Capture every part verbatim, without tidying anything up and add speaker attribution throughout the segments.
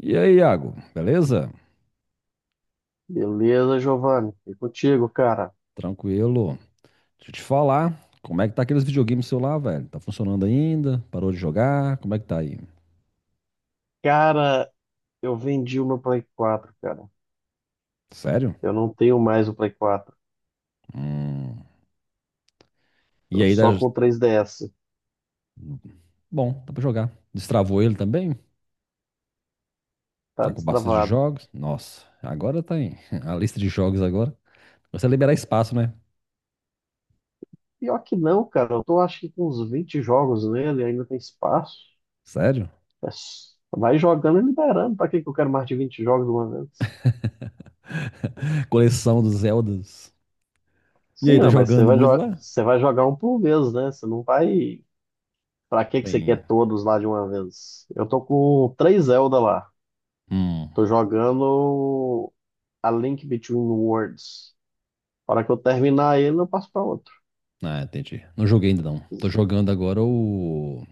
Speaker 1: E aí, Iago, beleza?
Speaker 2: Beleza, Giovanni. E contigo, cara?
Speaker 1: Tranquilo. Deixa eu te falar, como é que tá aqueles videogames seu lá, velho? Tá funcionando ainda? Parou de jogar? Como é que tá aí?
Speaker 2: Cara, eu vendi o meu Play quatro, cara.
Speaker 1: Sério?
Speaker 2: Eu não tenho mais o Play quatro.
Speaker 1: Hum. E
Speaker 2: Tô
Speaker 1: aí, dá...
Speaker 2: só com o três D S.
Speaker 1: bom, dá pra jogar. Destravou ele também?
Speaker 2: Tá
Speaker 1: Tá com bastante
Speaker 2: destravado.
Speaker 1: jogos? Nossa, agora tá em a lista de jogos agora. Você liberar espaço, né?
Speaker 2: Pior que não, cara. Eu tô acho que com uns vinte jogos nele, ainda tem espaço.
Speaker 1: Sério?
Speaker 2: É s- Vai jogando e liberando. Pra que que eu quero mais de vinte jogos de uma vez?
Speaker 1: Coleção dos Zeldas. E
Speaker 2: Sim,
Speaker 1: aí, tá
Speaker 2: não, mas você
Speaker 1: jogando
Speaker 2: vai,
Speaker 1: muito
Speaker 2: jo-
Speaker 1: lá?
Speaker 2: você vai jogar um por vez, né? Você não vai. Pra que que você
Speaker 1: Tem.
Speaker 2: quer todos lá de uma vez? Eu tô com três Zelda lá.
Speaker 1: Hum.
Speaker 2: Tô jogando. A Link Between Worlds. Na hora que eu terminar ele, eu passo para outro.
Speaker 1: Ah, entendi. Não joguei ainda não. Tô jogando agora o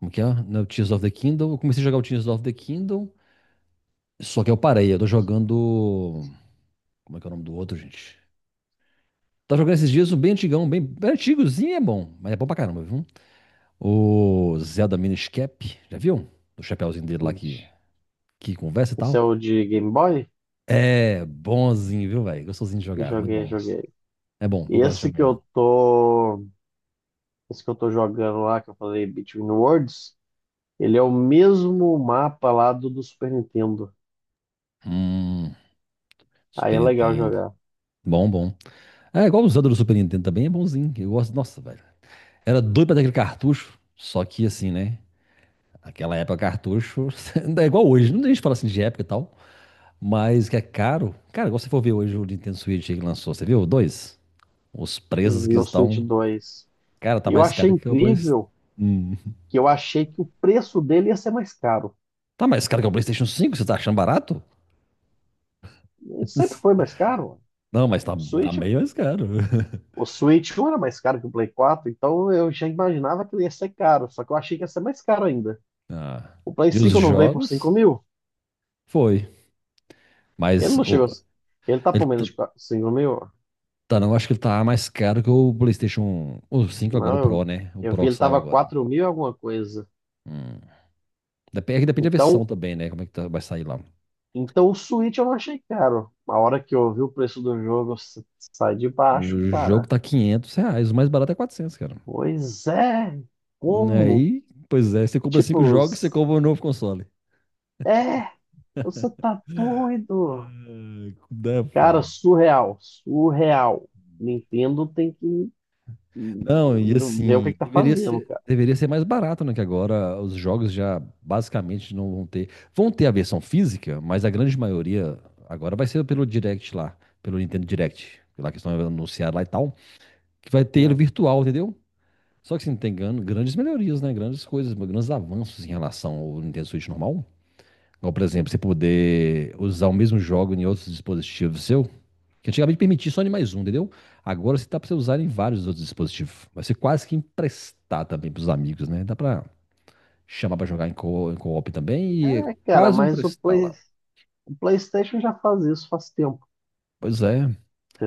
Speaker 1: Como que é? No Tears of the Kingdom. Eu comecei a jogar o Tears of the Kingdom, só que eu parei. Eu tô jogando. Como é que é o nome do outro, gente? Tá jogando esses dias um bem antigão, bem, bem antigozinho é bom, mas é bom pra caramba, viu? O Zelda Minish Cap, já viu? Do chapéuzinho dele lá que, que conversa e
Speaker 2: Esse é
Speaker 1: tal.
Speaker 2: o de Game Boy?
Speaker 1: É bonzinho, viu, velho? Gostosinho de jogar, muito
Speaker 2: Joguei,
Speaker 1: bom.
Speaker 2: joguei.
Speaker 1: É bom,
Speaker 2: E
Speaker 1: eu gosto
Speaker 2: esse
Speaker 1: de
Speaker 2: que
Speaker 1: jogar. Ele.
Speaker 2: eu tô, esse que eu tô jogando lá, que eu falei Between Worlds, ele é o mesmo mapa lá do, do Super Nintendo.
Speaker 1: Hum,
Speaker 2: Aí
Speaker 1: Super
Speaker 2: é legal
Speaker 1: Nintendo.
Speaker 2: jogar.
Speaker 1: Bom, bom. É igual o Zelda do Super Nintendo também, é bonzinho. Eu gosto, nossa, velho. Era doido pra ter aquele cartucho, só que assim, né? Aquela época cartucho ainda é igual hoje. Não deixa de falar assim de época e tal. Mas que é caro. Cara, igual você for ver hoje o Nintendo Switch que lançou, você viu? Dois. Os preços que
Speaker 2: E o Switch
Speaker 1: estão.
Speaker 2: dois.
Speaker 1: Cara, tá
Speaker 2: E eu
Speaker 1: mais
Speaker 2: achei
Speaker 1: caro que o PlayStation.
Speaker 2: incrível
Speaker 1: Hum.
Speaker 2: que eu achei que o preço dele ia ser mais caro.
Speaker 1: Tá mais caro que o PlayStation cinco. Você tá achando barato?
Speaker 2: Ele sempre foi mais caro. O
Speaker 1: Não, mas tá, tá
Speaker 2: Switch
Speaker 1: meio mais caro.
Speaker 2: O Switch um era mais caro que o Play quatro, então eu já imaginava que ele ia ser caro, só que eu achei que ia ser mais caro ainda.
Speaker 1: Ah.
Speaker 2: O Play
Speaker 1: E os
Speaker 2: cinco não veio por cinco
Speaker 1: jogos?
Speaker 2: mil?
Speaker 1: Foi.
Speaker 2: Ele
Speaker 1: Mas
Speaker 2: não chegou. a-
Speaker 1: o-
Speaker 2: Ele tá
Speaker 1: ele
Speaker 2: por menos
Speaker 1: tá,
Speaker 2: de qua- cinco mil?
Speaker 1: tá- não, acho que ele tá mais caro que o PlayStation. O cinco agora,
Speaker 2: Não,
Speaker 1: o
Speaker 2: eu,
Speaker 1: Pro, né? O
Speaker 2: eu vi
Speaker 1: Pro que
Speaker 2: ele
Speaker 1: saiu
Speaker 2: tava
Speaker 1: agora.
Speaker 2: quatro mil e alguma coisa.
Speaker 1: Hum. Dep- é que Depende, da versão
Speaker 2: Então,
Speaker 1: também, né? Como é que tá- vai sair lá.
Speaker 2: então o Switch eu não achei caro. A hora que eu vi o preço do jogo s- sai de baixo,
Speaker 1: O jogo
Speaker 2: cara.
Speaker 1: tá quinhentos reais, o mais barato é quatrocentos cara.
Speaker 2: Pois é, como?
Speaker 1: Aí, pois é, você compra cinco
Speaker 2: Tipo,
Speaker 1: jogos, você compra um novo console.
Speaker 2: é, você tá doido.
Speaker 1: É, é
Speaker 2: Cara,
Speaker 1: foda.
Speaker 2: surreal, surreal. Nintendo tem que
Speaker 1: Não, e
Speaker 2: hum, ver o que é
Speaker 1: assim,
Speaker 2: que tá
Speaker 1: deveria
Speaker 2: fazendo,
Speaker 1: ser,
Speaker 2: cara.
Speaker 1: deveria ser mais barato, né? Que agora os jogos já basicamente não vão ter. Vão ter a versão física, mas a grande maioria agora vai ser pelo Direct lá, pelo Nintendo Direct, lá que estão anunciando lá e tal, que vai ter ele
Speaker 2: É,
Speaker 1: virtual, entendeu? Só que assim, tem gran- grandes melhorias, né? Grandes coisas, grandes avanços em relação ao Nintendo Switch normal. Ou, por exemplo, você poder usar o mesmo jogo em outros dispositivos seu, que antigamente permitia só em mais um, entendeu? Agora você tá pra você usar em vários outros dispositivos. Vai ser quase que emprestar também pros amigos, né? Dá pra chamar pra jogar em co- em co-op também e é
Speaker 2: é, cara,
Speaker 1: quase
Speaker 2: mas o
Speaker 1: emprestar
Speaker 2: Play,
Speaker 1: lá.
Speaker 2: o PlayStation já faz isso faz tempo,
Speaker 1: Pois é.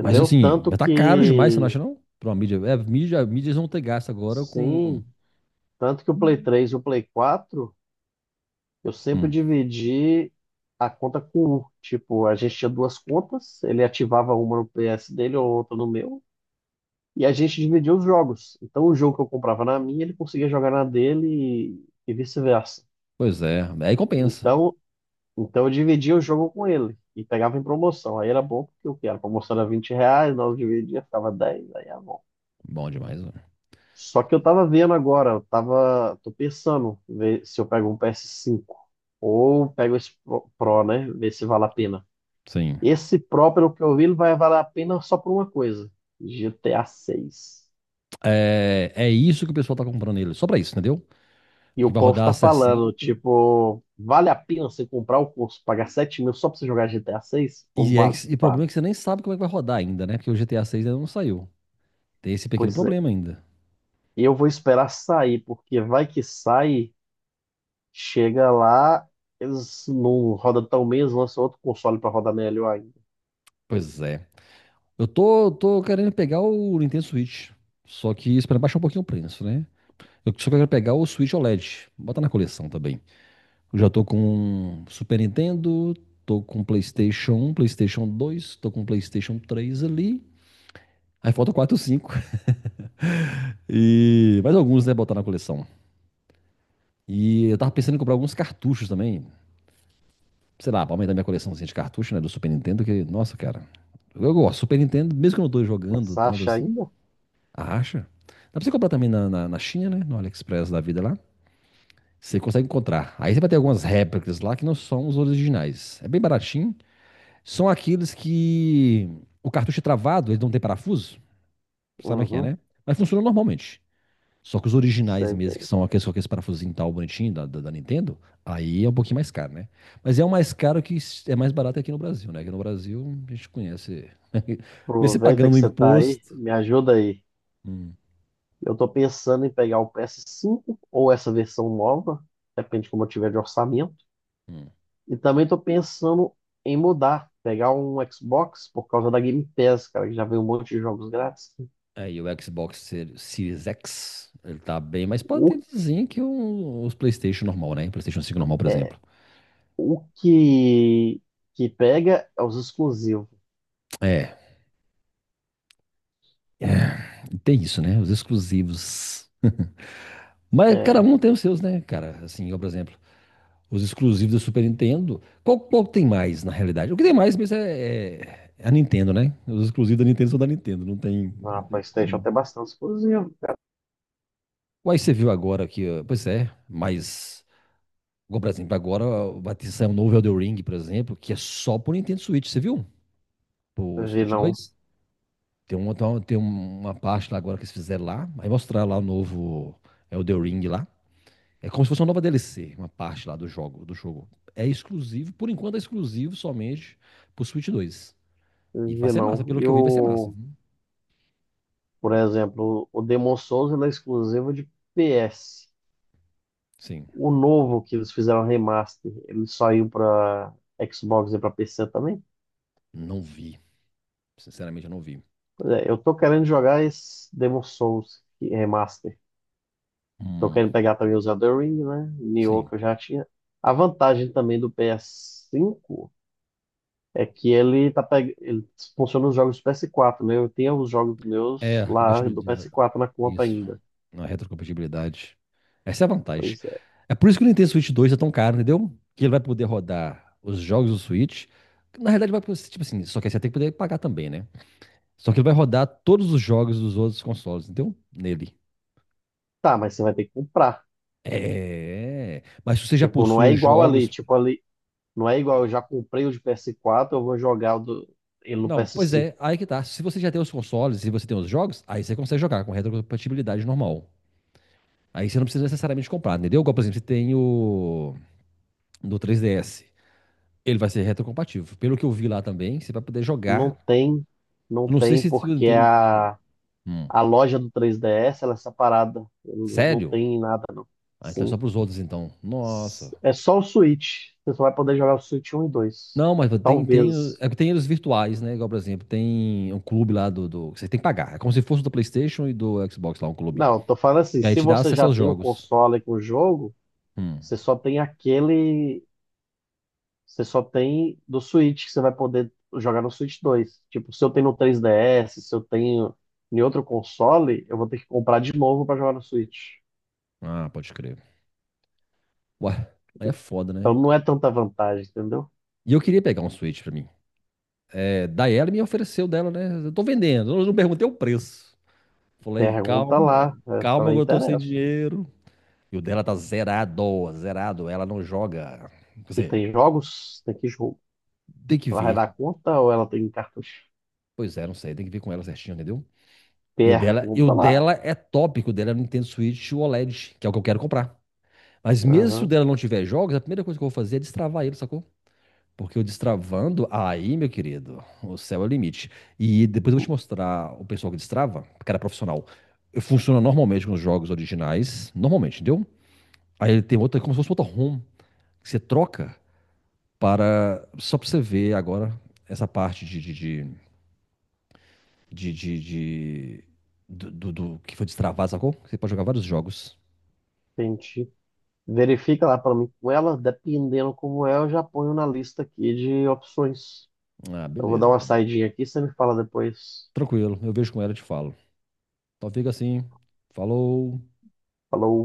Speaker 1: Mas assim,
Speaker 2: Tanto
Speaker 1: já tá caro demais, você não
Speaker 2: que,
Speaker 1: acha não? Pra uma mídia. É, mídia, mídias vão ter gasto agora com.
Speaker 2: sim, tanto que o Play três e o Play quatro, eu sempre
Speaker 1: Hum,
Speaker 2: dividi a conta com um. Tipo, a gente tinha duas contas, ele ativava uma no P S dele ou outra no meu, e a gente dividia os jogos. Então, o jogo que eu comprava na minha, ele conseguia jogar na dele e e vice-versa.
Speaker 1: pois é. Aí compensa.
Speaker 2: Então, então eu dividia o jogo com ele e pegava em promoção. Aí era bom porque o que? Era? A promoção era vinte reais, nós dividia, ficava dez, aí era bom.
Speaker 1: Bom demais, né?
Speaker 2: Só que eu tava vendo agora, eu tava, tô pensando ver se eu pego um P S cinco ou pego esse Pro, Pro, né? Ver se vale a pena.
Speaker 1: Sim.
Speaker 2: Esse Pro, pelo que eu vi, ele vai valer a pena só por uma coisa: G T A seis.
Speaker 1: É, é isso que o pessoal tá comprando ele. Só pra isso, entendeu?
Speaker 2: E o
Speaker 1: Porque vai
Speaker 2: povo
Speaker 1: rodar a
Speaker 2: tá falando,
Speaker 1: sessenta.
Speaker 2: tipo, vale a pena você comprar o curso, pagar sete mil só pra você jogar G T A seis? Ou
Speaker 1: E, é,
Speaker 2: vale?
Speaker 1: que- e o
Speaker 2: Vale.
Speaker 1: problema é que você nem sabe como é que vai rodar ainda, né? Porque o G T A seis ainda não saiu. Tem esse pequeno
Speaker 2: Pois é.
Speaker 1: problema ainda.
Speaker 2: Eu vou esperar sair, porque vai que sai, chega lá, eles não rodam tão bem, eles lançam outro console para rodar melhor ainda.
Speaker 1: Pois é. Eu tô, tô querendo pegar o Nintendo Switch. Só que esperando baixar um pouquinho o preço, né? Eu só quero pegar o Switch O L E D. Bota na coleção também. Eu já tô com Super Nintendo, tô com PlayStation um, PlayStation dois, tô com PlayStation três ali. Aí falta quatro, cinco. E mais alguns, né? Botar na coleção. E eu tava pensando em comprar alguns cartuchos também. Sei lá, pra aumentar minha coleçãozinha de cartucho, né, do Super Nintendo, que, nossa, cara, eu gosto. Super Nintendo, mesmo que eu não tô
Speaker 2: Mas
Speaker 1: jogando tanto
Speaker 2: acha
Speaker 1: assim,
Speaker 2: ainda?
Speaker 1: acha. Dá pra você comprar também na, na, na China, né, no AliExpress da vida lá, você consegue encontrar. Aí você vai ter algumas réplicas lá que não são os originais. É bem baratinho, são aqueles que o cartucho é travado, eles não tem parafuso, sabe o que é,
Speaker 2: Uhum,
Speaker 1: né? Mas funciona normalmente. Só que os originais
Speaker 2: sei
Speaker 1: mesmo, que
Speaker 2: bem.
Speaker 1: são aqueles com aqueles parafusinhos e tal, bonitinho da, da, da Nintendo, aí é um pouquinho mais caro, né? Mas é o mais caro que é mais barato aqui no Brasil, né? Aqui no Brasil a gente conhece. Mesmo você
Speaker 2: Aproveita que
Speaker 1: pagando o
Speaker 2: você tá aí,
Speaker 1: imposto.
Speaker 2: me ajuda aí.
Speaker 1: Hum,
Speaker 2: Eu tô pensando em pegar o P S cinco ou essa versão nova, depende de como eu tiver de orçamento.
Speaker 1: hum.
Speaker 2: E também tô pensando em mudar, pegar um Xbox por causa da Game Pass, cara, que já vem um monte de jogos grátis.
Speaker 1: Aí o Xbox Ser- Series X, ele tá bem mais
Speaker 2: O
Speaker 1: potentezinho que o- os PlayStation normal, né? PlayStation cinco normal, por exemplo.
Speaker 2: O que, que pega é os exclusivos.
Speaker 1: É, é, tem isso, né? Os exclusivos. Mas cada
Speaker 2: É,
Speaker 1: um tem os seus, né, cara? Assim, eu, por exemplo, os exclusivos da Super Nintendo. Qual, qual tem mais, na realidade? O que tem mais mesmo é, é a Nintendo, né? Os exclusivos da Nintendo são da Nintendo, não tem,
Speaker 2: na
Speaker 1: não tem
Speaker 2: PlayStation
Speaker 1: como.
Speaker 2: tem bastante exclusivo, cara.
Speaker 1: Uai, você viu agora que, ó, pois é, mas, igual, por exemplo, agora ó, vai ter sair um novo Elden Ring, por exemplo, que é só pro Nintendo Switch, você viu? Pro
Speaker 2: Vi
Speaker 1: Switch
Speaker 2: não,
Speaker 1: dois. Tem uma, tem uma- tem uma parte lá agora que eles fizeram lá, aí mostrar lá o novo Elden Ring lá. É como se fosse uma nova D L C, uma parte lá do jogo, do jogo. É exclusivo, por enquanto é exclusivo somente pro Switch dois. E vai
Speaker 2: vi
Speaker 1: ser massa,
Speaker 2: não.
Speaker 1: pelo
Speaker 2: E
Speaker 1: que eu vi, vai ser massa.
Speaker 2: o, por exemplo, o Demon Souls ele é exclusivo de P S.
Speaker 1: Sim,
Speaker 2: O novo que eles fizeram remaster, ele saiu pra Xbox e pra P C também.
Speaker 1: não vi. Sinceramente, eu não vi.
Speaker 2: Pois é, eu tô querendo jogar esse Demon Souls remaster. Tô
Speaker 1: Hum,
Speaker 2: querendo pegar também os Elden Ring, né? Nioh
Speaker 1: sim.
Speaker 2: que eu já tinha. A vantagem também do P S cinco é que ele tá peg... ele funciona nos jogos do P S quatro, né? Eu tenho os jogos meus
Speaker 1: É,
Speaker 2: lá do
Speaker 1: compatibilidade.
Speaker 2: P S quatro na conta
Speaker 1: Isso.
Speaker 2: ainda.
Speaker 1: Não é retrocompatibilidade. Essa é a vantagem.
Speaker 2: Pois é.
Speaker 1: É por isso que o Nintendo Switch dois é tão caro, entendeu? Que ele vai poder rodar os jogos do Switch. Que na realidade, vai, poder- tipo assim, só que você tem que poder pagar também, né? Só que ele vai rodar todos os jogos dos outros consoles, entendeu? Nele.
Speaker 2: Tá, mas você vai ter que comprar.
Speaker 1: É. Mas se você já
Speaker 2: Tipo, não é
Speaker 1: possui os
Speaker 2: igual ali.
Speaker 1: jogos.
Speaker 2: Tipo, ali. Não é igual, eu já comprei o de P S quatro, eu vou jogar o do... ele no
Speaker 1: Não, pois
Speaker 2: P S cinco.
Speaker 1: é, aí que tá. Se você já tem os consoles e você tem os jogos, aí você consegue jogar com retrocompatibilidade normal. Aí você não precisa necessariamente comprar, entendeu? Igual, por exemplo, você tem o do três D S. Ele vai ser retrocompatível. Pelo que eu vi lá também, você vai poder
Speaker 2: Não
Speaker 1: jogar.
Speaker 2: tem, não
Speaker 1: Não sei
Speaker 2: tem,
Speaker 1: se.
Speaker 2: porque a,
Speaker 1: Hum,
Speaker 2: a loja do três D S ela é separada. Não
Speaker 1: sério?
Speaker 2: tem nada, não.
Speaker 1: Ah, então é só
Speaker 2: Sim.
Speaker 1: pros outros, então. Nossa.
Speaker 2: É só o Switch. Você só vai poder jogar o Switch um e dois.
Speaker 1: Não, mas tem, tem,
Speaker 2: Talvez.
Speaker 1: é que tem eles virtuais, né? Igual, por exemplo, tem um clube lá do, do. Você tem que pagar. É como se fosse do PlayStation e do Xbox lá, um clube.
Speaker 2: Não, tô falando assim,
Speaker 1: E aí
Speaker 2: se
Speaker 1: te dá
Speaker 2: você
Speaker 1: acesso
Speaker 2: já
Speaker 1: aos
Speaker 2: tem o
Speaker 1: jogos.
Speaker 2: console com o jogo,
Speaker 1: Hum.
Speaker 2: você só tem aquele, você só tem do Switch que você vai poder jogar no Switch dois. Tipo, se eu tenho no três D S, se eu tenho em outro console, eu vou ter que comprar de novo para jogar no Switch.
Speaker 1: Ah, pode crer. Ué, aí é foda,
Speaker 2: Então
Speaker 1: né?
Speaker 2: não é tanta vantagem, entendeu?
Speaker 1: E eu queria pegar um Switch pra mim. É, daí ela me ofereceu dela, né? Eu tô vendendo, eu não perguntei o preço. Falei,
Speaker 2: Pergunta
Speaker 1: calma,
Speaker 2: lá, é,
Speaker 1: calma,
Speaker 2: também
Speaker 1: eu tô sem
Speaker 2: interessa.
Speaker 1: dinheiro. E o dela tá zerado, zerado, ela não joga. Quer
Speaker 2: E
Speaker 1: dizer,
Speaker 2: tem jogos? Tem que jogo.
Speaker 1: tem que
Speaker 2: Ela vai
Speaker 1: ver.
Speaker 2: dar conta ou ela tem cartucho?
Speaker 1: Pois é, não sei, tem que ver com ela certinho, entendeu? E o dela, e o
Speaker 2: Pergunta lá.
Speaker 1: dela é top, o dela é o Nintendo Switch O L E D, que é o que eu quero comprar. Mas mesmo se o
Speaker 2: Aham,
Speaker 1: dela não tiver jogos, a primeira coisa que eu vou fazer é destravar ele, sacou? Porque eu destravando, aí, meu querido, o céu é o limite. E depois eu vou te mostrar o pessoal que destrava, cara profissional. Funciona normalmente com os jogos originais, normalmente, entendeu? Aí ele tem outra, como se fosse outra ROM, que você troca para, só para você ver agora essa parte de, de, de, de, de- de- do, do- do que foi destravado, sacou? Você pode jogar vários jogos.
Speaker 2: entendi. Verifica lá para mim com ela, dependendo como é, eu já ponho na lista aqui de opções.
Speaker 1: Ah,
Speaker 2: Eu vou dar
Speaker 1: beleza,
Speaker 2: uma
Speaker 1: então.
Speaker 2: saidinha aqui, você me fala depois.
Speaker 1: Tranquilo, eu vejo com ela e te falo. Então fica assim, falou.
Speaker 2: Falou.